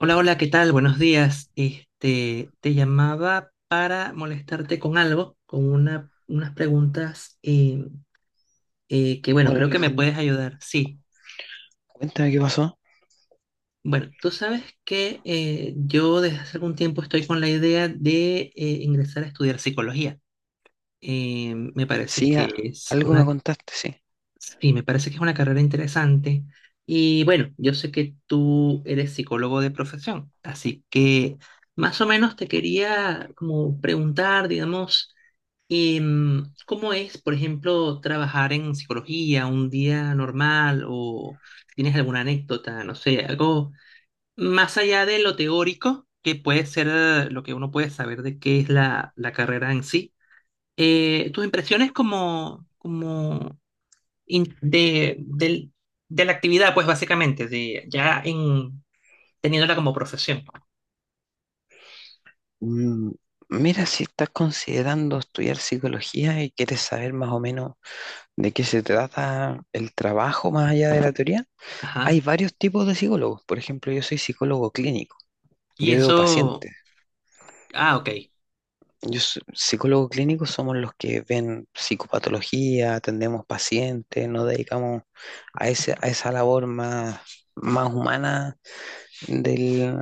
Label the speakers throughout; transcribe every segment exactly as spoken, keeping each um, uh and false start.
Speaker 1: Hola, hola, ¿qué tal? Buenos días. Este, te llamaba para molestarte con algo, con una, unas preguntas eh, eh, que, bueno,
Speaker 2: Hola
Speaker 1: creo que me
Speaker 2: Alejandro,
Speaker 1: puedes ayudar. Sí,
Speaker 2: cuéntame qué pasó.
Speaker 1: bueno, tú sabes que eh, yo desde hace algún tiempo estoy con la idea de eh, ingresar a estudiar psicología. Eh, me parece
Speaker 2: Sí, a-
Speaker 1: que es
Speaker 2: algo me
Speaker 1: una
Speaker 2: contaste, sí.
Speaker 1: Sí, me parece que es una carrera interesante. Y bueno, yo sé que tú eres psicólogo de profesión, así que más o menos te quería como preguntar, digamos, em, ¿cómo es, por ejemplo, trabajar en psicología un día normal o si tienes alguna anécdota, no sé, algo más allá de lo teórico, que puede ser eh, lo que uno puede saber de qué es la, la carrera en sí? Eh, tus impresiones como, como in- de, del- de la actividad, pues básicamente, de, ya en, teniéndola como profesión.
Speaker 2: Mm, mira, si estás considerando estudiar psicología y quieres saber más o menos de qué se trata el trabajo más allá de la teoría,
Speaker 1: Ajá.
Speaker 2: hay varios tipos de psicólogos. Por ejemplo, yo soy psicólogo clínico,
Speaker 1: Y
Speaker 2: yo veo
Speaker 1: eso,
Speaker 2: pacientes.
Speaker 1: ah, ok.
Speaker 2: Yo so- psicólogo clínico somos los que ven psicopatología, atendemos pacientes, nos dedicamos a ese, a esa labor más, más humana del,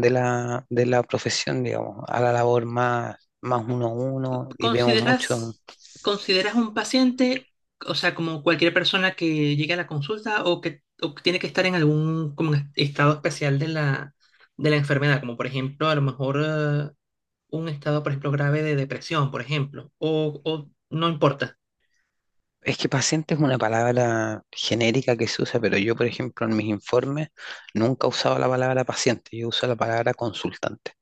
Speaker 2: de la, de la profesión, digamos, a la labor más, más uno a uno y vemos mucho.
Speaker 1: ¿Consideras, consideras un paciente, o sea, como cualquier persona que llegue a la consulta o que, o que tiene que estar en algún como en estado especial de la, de la enfermedad, como por ejemplo, a lo mejor eh, un estado, por ejemplo, grave de depresión, por ejemplo, o, o no importa?
Speaker 2: Es que paciente es una palabra genérica que se usa, pero yo, por ejemplo, en mis informes nunca he usado la palabra paciente, yo uso la palabra consultante.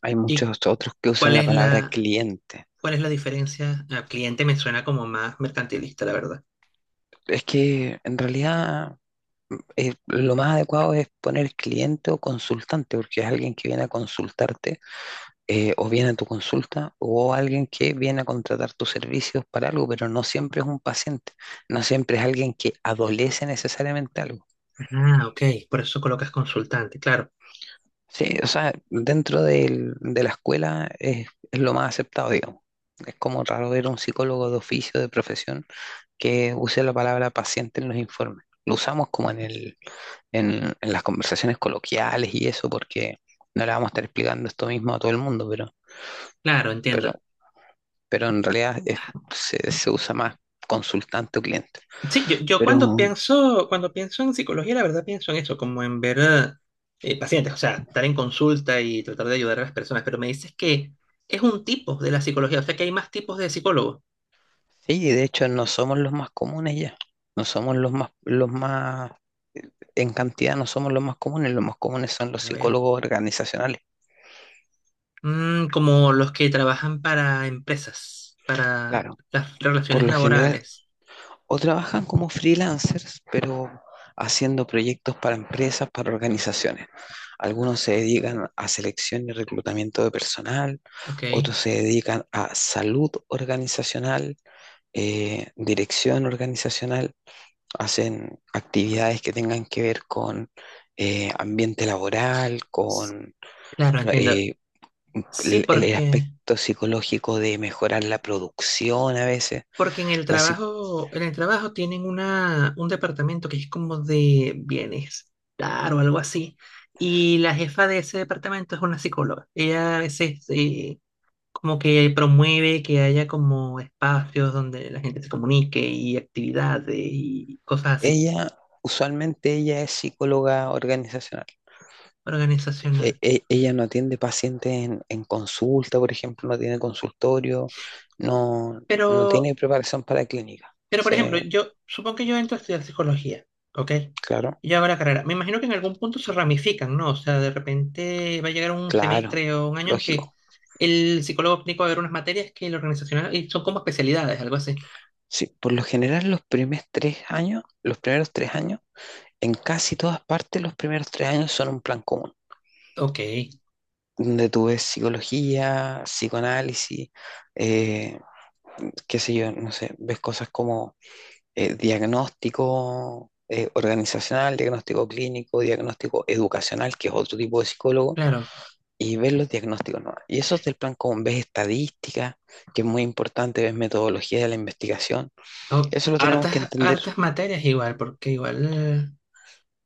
Speaker 2: Hay
Speaker 1: ¿Y
Speaker 2: muchos otros que usan
Speaker 1: cuál
Speaker 2: la
Speaker 1: es
Speaker 2: palabra
Speaker 1: la,
Speaker 2: cliente.
Speaker 1: ¿Cuál es la diferencia? Ah, cliente me suena como más mercantilista, la verdad.
Speaker 2: Es que en realidad eh, lo más adecuado es poner cliente o consultante, porque es alguien que viene a consultarte eh, o viene a tu consulta o alguien que viene a contratar tus servicios para algo, pero no siempre es un paciente, no siempre es alguien que adolece necesariamente algo.
Speaker 1: Ah, ok, por eso colocas consultante, claro,
Speaker 2: Sí, o sea, dentro del- de la escuela es, es lo más aceptado, digamos. Es como raro ver un psicólogo de oficio, de profesión, que use la palabra paciente en los informes. Lo usamos como en el, en, en las conversaciones coloquiales y eso, porque no le vamos a estar explicando esto mismo a todo el mundo, pero,
Speaker 1: claro,
Speaker 2: pero
Speaker 1: entiendo.
Speaker 2: pero en realidad es- se, se usa más consultante o cliente.
Speaker 1: Sí, yo, yo cuando
Speaker 2: Pero
Speaker 1: pienso, cuando pienso en psicología, la verdad pienso en eso, como en ver eh, pacientes, o sea, estar en consulta y tratar de ayudar a las personas, pero me dices que es un tipo de la psicología, o sea que hay más tipos de psicólogos.
Speaker 2: sí, de hecho no somos los más comunes ya, no somos los más, los más, en cantidad no somos los más comunes, los más comunes son los
Speaker 1: A ver,
Speaker 2: psicólogos organizacionales.
Speaker 1: mm, como los que trabajan para empresas, para
Speaker 2: Claro,
Speaker 1: las
Speaker 2: por
Speaker 1: relaciones
Speaker 2: lo general
Speaker 1: laborales,
Speaker 2: o trabajan como freelancers, pero haciendo proyectos para empresas, para organizaciones. Algunos se dedican a selección y reclutamiento de personal,
Speaker 1: ok.
Speaker 2: otros se dedican a salud organizacional, eh, dirección organizacional, hacen actividades que tengan que ver con eh, ambiente laboral, con
Speaker 1: Claro, entiendo.
Speaker 2: eh,
Speaker 1: Sí,
Speaker 2: el, el
Speaker 1: porque...
Speaker 2: aspecto psicológico de mejorar la producción a veces.
Speaker 1: Porque en el
Speaker 2: La
Speaker 1: trabajo, en el trabajo tienen una, un departamento que es como de bienestar o algo así. Y la jefa de ese departamento es una psicóloga. Ella a veces eh, como que promueve que haya como espacios donde la gente se comunique y actividades y cosas así,
Speaker 2: Ella, usualmente ella es psicóloga organizacional. E-
Speaker 1: organizacional.
Speaker 2: e- ella no atiende pacientes en, en consulta, por ejemplo, no tiene consultorio, no, no
Speaker 1: Pero
Speaker 2: tiene preparación para clínica.
Speaker 1: Pero, por
Speaker 2: Sí,
Speaker 1: ejemplo, yo supongo que yo entro a estudiar psicología, ¿ok?
Speaker 2: claro,
Speaker 1: Y yo hago la carrera. Me imagino que en algún punto se ramifican, ¿no? O sea, de repente va a llegar un
Speaker 2: claro,
Speaker 1: semestre o un año en que
Speaker 2: lógico.
Speaker 1: el psicólogo clínico va a ver unas materias que el organizacional y son como especialidades, algo así.
Speaker 2: Sí, por lo general los primeros tres años, los primeros tres años, en casi todas partes los primeros tres años son un plan común,
Speaker 1: Ok,
Speaker 2: donde tú ves psicología, psicoanálisis, eh, qué sé yo, no sé, ves cosas como eh, diagnóstico eh, organizacional, diagnóstico clínico, diagnóstico educacional, que es otro tipo de psicólogo,
Speaker 1: claro.
Speaker 2: y ves los diagnósticos nuevos. Y eso es del plan común, ves estadística, que es muy importante, ves metodología de la investigación.
Speaker 1: O-
Speaker 2: Eso lo tenemos
Speaker 1: hartas,
Speaker 2: que entender.
Speaker 1: hartas materias igual, porque igual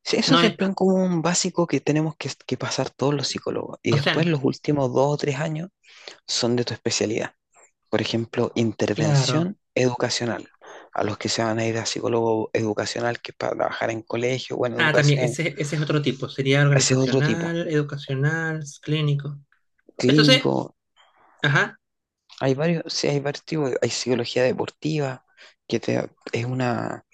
Speaker 2: Sí, eso
Speaker 1: no
Speaker 2: es
Speaker 1: es,
Speaker 2: el plan común básico que tenemos que, que pasar todos los psicólogos. Y
Speaker 1: o
Speaker 2: después
Speaker 1: sea,
Speaker 2: los últimos dos o tres años son de tu especialidad. Por ejemplo,
Speaker 1: claro.
Speaker 2: intervención educacional. A los que se van a ir a psicólogo educacional, que es para trabajar en colegio o en
Speaker 1: Ah, también,
Speaker 2: educación.
Speaker 1: ese, ese es otro tipo. Sería
Speaker 2: Ese es otro tipo.
Speaker 1: organizacional, educacional, clínico. Entonces,
Speaker 2: Clínico.
Speaker 1: ajá,
Speaker 2: Hay varios, sí, hay varios tipos. Hay psicología deportiva, que te- es una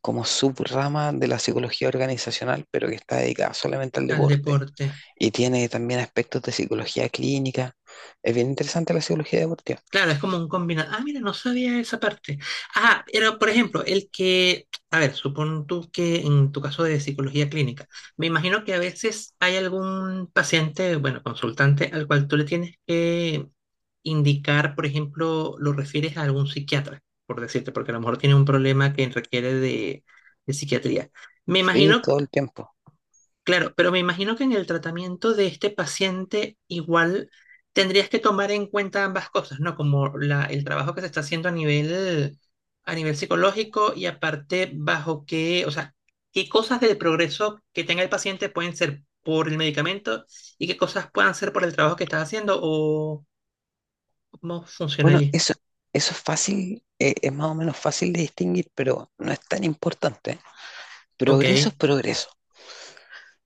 Speaker 2: como subrama de la psicología organizacional, pero que está dedicada solamente al
Speaker 1: al
Speaker 2: deporte.
Speaker 1: deporte.
Speaker 2: Y tiene también aspectos de psicología clínica. Es bien interesante la psicología deportiva.
Speaker 1: Claro, es como un combinado. Ah, mira, no sabía esa parte. Ah, pero por ejemplo, el que, a ver, supón tú que en tu caso de psicología clínica, me imagino que a veces hay algún paciente, bueno, consultante, al cual tú le tienes que indicar, por ejemplo, lo refieres a algún psiquiatra, por decirte, porque a lo mejor tiene un problema que requiere de, de psiquiatría. Me
Speaker 2: Sí,
Speaker 1: imagino
Speaker 2: todo el tiempo.
Speaker 1: Claro, pero me imagino que en el tratamiento de este paciente igual tendrías que tomar en cuenta ambas cosas, ¿no? Como la, el trabajo que se está haciendo a nivel, a nivel psicológico y aparte bajo qué, o sea, qué cosas del progreso que tenga el paciente pueden ser por el medicamento y qué cosas puedan ser por el trabajo que estás haciendo o cómo funciona
Speaker 2: Bueno,
Speaker 1: allí.
Speaker 2: eso, eso es fácil, eh, es más o menos fácil de distinguir, pero no es tan importante.
Speaker 1: Ok,
Speaker 2: Progreso es progreso.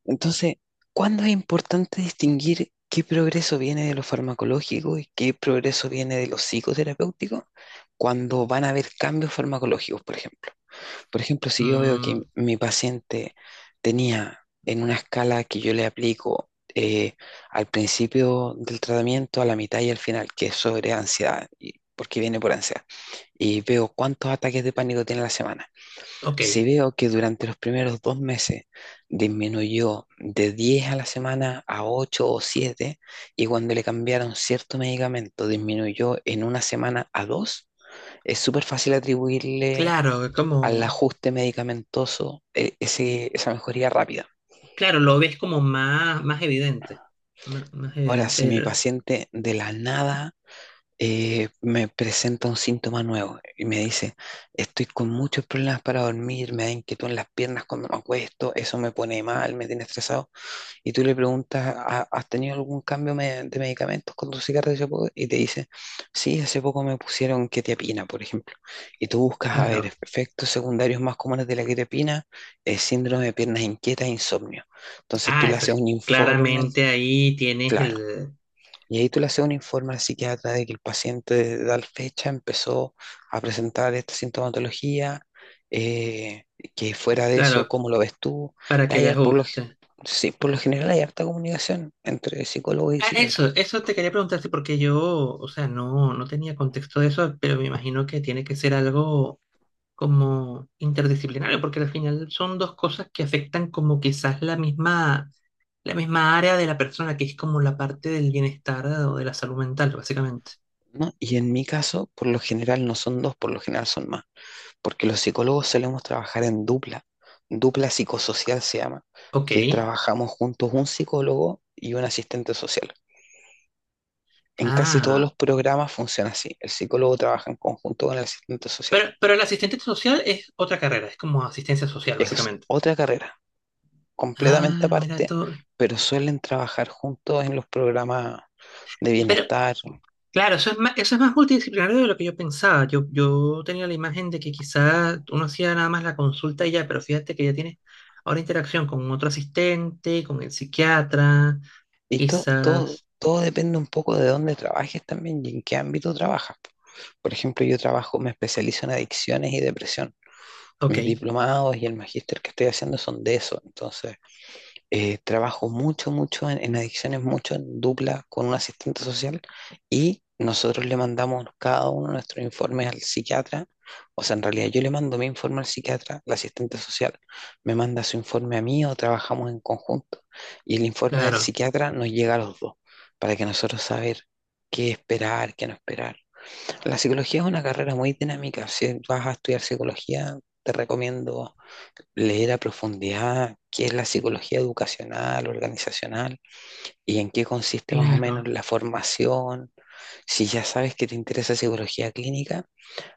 Speaker 2: Entonces, ¿cuándo es importante distinguir qué progreso viene de lo farmacológico y qué progreso viene de lo psicoterapéutico? Cuando van a haber cambios farmacológicos, por ejemplo. Por ejemplo, si yo veo que
Speaker 1: mm,
Speaker 2: mi paciente tenía en una escala que yo le aplico eh, al principio del tratamiento, a la mitad y al final, que es sobre ansiedad, y- porque viene por ansiedad, y veo cuántos ataques de pánico tiene a la semana.
Speaker 1: ok,
Speaker 2: Si veo que durante los primeros dos meses disminuyó de diez a la semana a ocho o siete y cuando le cambiaron cierto medicamento disminuyó en una semana a dos, es súper fácil atribuirle
Speaker 1: claro, es
Speaker 2: al
Speaker 1: como,
Speaker 2: ajuste medicamentoso, eh, ese- esa mejoría rápida.
Speaker 1: claro, lo ves como más, más evidente, más, más
Speaker 2: Ahora, si
Speaker 1: evidente
Speaker 2: mi
Speaker 1: el.
Speaker 2: paciente de la nada eh, me presenta un síntoma nuevo y me dice, estoy con muchos problemas para dormir, me da inquietud en las piernas cuando me acuesto, eso me pone mal, me tiene estresado, y tú le preguntas, "¿Ha- ¿has tenido algún cambio me- de medicamentos con tu cigarrillo?" Y te dice, sí, hace poco me pusieron quetiapina, por ejemplo. Y tú buscas, a ver,
Speaker 1: Claro.
Speaker 2: efectos secundarios más comunes de la quetiapina, eh, síndrome de piernas inquietas, insomnio. Entonces tú
Speaker 1: Ah,
Speaker 2: le
Speaker 1: eso
Speaker 2: haces
Speaker 1: es-
Speaker 2: un informe,
Speaker 1: claramente ahí tienes
Speaker 2: claro.
Speaker 1: el.
Speaker 2: Y ahí tú le haces un informe al psiquiatra de que el paciente de tal fecha empezó a presentar esta sintomatología, eh, que fuera de
Speaker 1: Claro,
Speaker 2: eso, ¿cómo lo ves tú?
Speaker 1: para
Speaker 2: Y
Speaker 1: que
Speaker 2: hay,
Speaker 1: les
Speaker 2: al- por lo, g-
Speaker 1: guste.
Speaker 2: Sí, por lo general hay harta comunicación entre psicólogo y
Speaker 1: Ah,
Speaker 2: psiquiatra,
Speaker 1: eso, eso te quería preguntarte porque yo, o sea, no, no tenía contexto de eso, pero me imagino que tiene que ser algo como interdisciplinario, porque al final son dos cosas que afectan como quizás la misma, la misma área de la persona, que es como la parte del bienestar o de la salud mental, básicamente.
Speaker 2: ¿no? Y en mi caso, por lo general no son dos, por lo general son más, porque los psicólogos solemos trabajar en dupla, dupla psicosocial se llama,
Speaker 1: Ok.
Speaker 2: que trabajamos juntos un psicólogo y un asistente social. En casi todos
Speaker 1: Ah,
Speaker 2: los programas funciona así. El psicólogo trabaja en conjunto con el asistente social.
Speaker 1: pero, pero el asistente social es otra carrera, es como asistencia social,
Speaker 2: Es
Speaker 1: básicamente.
Speaker 2: otra carrera, completamente
Speaker 1: Ah, mira,
Speaker 2: aparte,
Speaker 1: tú,
Speaker 2: pero suelen trabajar juntos en los programas de
Speaker 1: pero
Speaker 2: bienestar.
Speaker 1: claro, eso es más, eso es más multidisciplinario de lo que yo pensaba. Yo, yo tenía la imagen de que quizás uno hacía nada más la consulta y ya, pero fíjate que ya tiene ahora interacción con otro asistente, con el psiquiatra,
Speaker 2: Y to- todo,
Speaker 1: quizás.
Speaker 2: todo depende un poco de dónde trabajes también y en qué ámbito trabajas. Por ejemplo, yo trabajo, me especializo en adicciones y depresión.
Speaker 1: Ok,
Speaker 2: Mis diplomados y el magíster que estoy haciendo son de eso. Entonces, eh, trabajo mucho, mucho en, en adicciones, mucho en dupla con un asistente social, y nosotros le mandamos cada uno nuestros informes al psiquiatra. O sea, en realidad yo le mando mi informe al psiquiatra, la asistente social me manda su informe a mí o trabajamos en conjunto. Y el informe del
Speaker 1: claro,
Speaker 2: psiquiatra nos llega a los dos para que nosotros saber qué esperar, qué no esperar. La psicología es una carrera muy dinámica. Si vas a estudiar psicología, te recomiendo leer a profundidad qué es la psicología educacional, organizacional y en qué consiste más o menos
Speaker 1: claro,
Speaker 2: la formación. Si ya sabes que te interesa psicología clínica,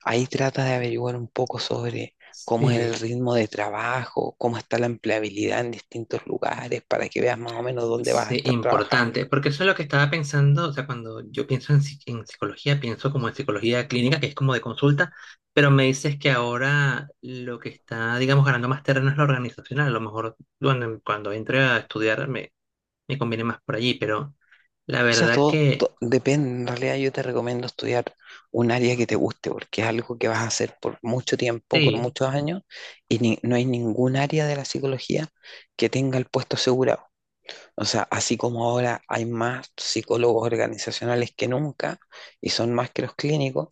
Speaker 2: ahí trata de averiguar un poco sobre cómo es el
Speaker 1: sí.
Speaker 2: ritmo de trabajo, cómo está la empleabilidad en distintos lugares, para que veas más o menos dónde vas a
Speaker 1: Sí,
Speaker 2: estar trabajando.
Speaker 1: importante, porque eso es lo que estaba pensando, o sea, cuando yo pienso en, psi- en psicología, pienso como en psicología clínica, que es como de consulta, pero me dices que ahora lo que está, digamos, ganando más terreno es lo organizacional, a lo mejor cuando, cuando entre a estudiar me, me conviene más por allí, pero la
Speaker 2: O sea,
Speaker 1: verdad
Speaker 2: todo,
Speaker 1: que
Speaker 2: to- depende. En realidad yo te recomiendo estudiar un área que te guste, porque es algo que vas a hacer por mucho tiempo, por
Speaker 1: sí.
Speaker 2: muchos años, y ni- no hay ningún área de la psicología que tenga el puesto asegurado. O sea, así como ahora hay más psicólogos organizacionales que nunca, y son más que los clínicos,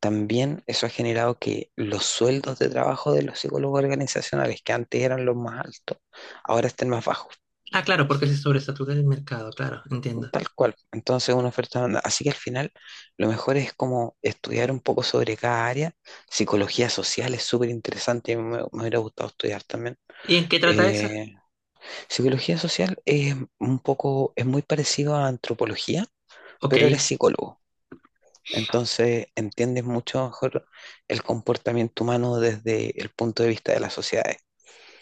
Speaker 2: también eso ha generado que los sueldos de trabajo de los psicólogos organizacionales, que antes eran los más altos, ahora estén más bajos.
Speaker 1: Ah, claro, porque se sobresatura el mercado, claro, entiendo.
Speaker 2: Tal cual. Entonces, una oferta blanda. Así que al final, lo mejor es como estudiar un poco sobre cada área. Psicología social es súper interesante, me, me hubiera gustado estudiar también.
Speaker 1: ¿Y en qué trata esa?
Speaker 2: Eh, Psicología social es un poco, es muy parecido a antropología,
Speaker 1: Ok.
Speaker 2: pero eres psicólogo. Entonces, entiendes mucho mejor el comportamiento humano desde el punto de vista de las sociedades.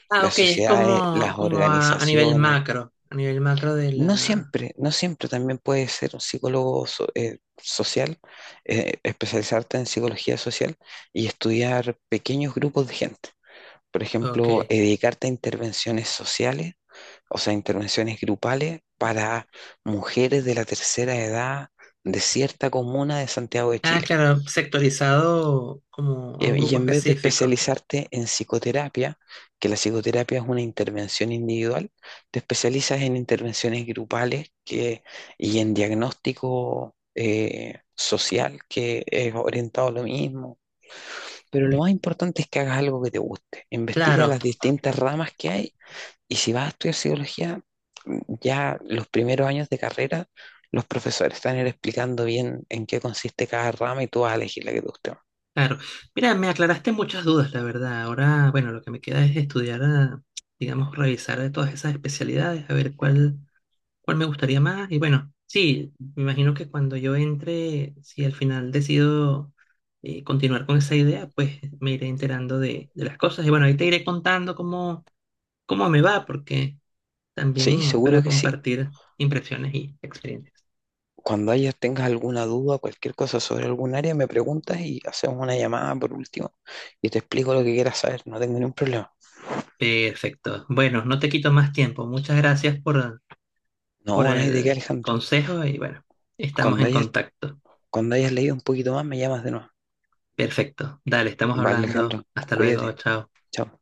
Speaker 1: Ah,
Speaker 2: Las
Speaker 1: ok, es
Speaker 2: sociedades,
Speaker 1: como,
Speaker 2: las
Speaker 1: como a, a nivel
Speaker 2: organizaciones.
Speaker 1: macro, a nivel macro de
Speaker 2: No
Speaker 1: la.
Speaker 2: siempre, no siempre también puedes ser un psicólogo so- eh, social, eh, especializarte en psicología social y estudiar pequeños grupos de gente. Por
Speaker 1: Ok.
Speaker 2: ejemplo, eh, dedicarte a intervenciones sociales, o sea, intervenciones grupales para mujeres de la tercera edad de cierta comuna de Santiago de
Speaker 1: Ah,
Speaker 2: Chile.
Speaker 1: claro, sectorizado como a
Speaker 2: Eh,
Speaker 1: un
Speaker 2: Y
Speaker 1: grupo
Speaker 2: en vez de
Speaker 1: específico.
Speaker 2: especializarte en psicoterapia, que la psicoterapia es una intervención individual, te especializas en intervenciones grupales que, y en diagnóstico eh, social, que es orientado a lo mismo. Pero lo
Speaker 1: Bien,
Speaker 2: más importante es que hagas algo que te guste. Investiga
Speaker 1: claro,
Speaker 2: las distintas ramas que hay, y si vas a estudiar psicología, mm, ya los primeros años de carrera, los profesores están explicando bien en qué consiste cada rama y tú vas a elegir la que te guste. más.
Speaker 1: claro. Mira, me aclaraste muchas dudas, la verdad. Ahora, bueno, lo que me queda es estudiar, ah, digamos, revisar de todas esas especialidades, a ver cuál, cuál me gustaría más. Y bueno, sí, me imagino que cuando yo entre, si al final decido eh, continuar con esa idea, pues me iré enterando de, de las cosas. Y bueno, ahí te iré contando cómo, cómo me va, porque
Speaker 2: Sí,
Speaker 1: también
Speaker 2: seguro
Speaker 1: para
Speaker 2: que sí.
Speaker 1: compartir impresiones y experiencias.
Speaker 2: Cuando hayas, tengas alguna duda, cualquier cosa sobre algún área, me preguntas y hacemos una llamada por último y te explico lo que quieras saber. No tengo ningún problema.
Speaker 1: Perfecto. Bueno, no te quito más tiempo. Muchas gracias por, por
Speaker 2: No, no hay de qué,
Speaker 1: el
Speaker 2: Alejandro.
Speaker 1: consejo y bueno, estamos
Speaker 2: Cuando
Speaker 1: en
Speaker 2: hayas,
Speaker 1: contacto.
Speaker 2: cuando hayas leído un poquito más, me llamas de nuevo.
Speaker 1: Perfecto. Dale, estamos
Speaker 2: Vale,
Speaker 1: hablando.
Speaker 2: Alejandro,
Speaker 1: Hasta luego.
Speaker 2: cuídate.
Speaker 1: Chao.
Speaker 2: Chao.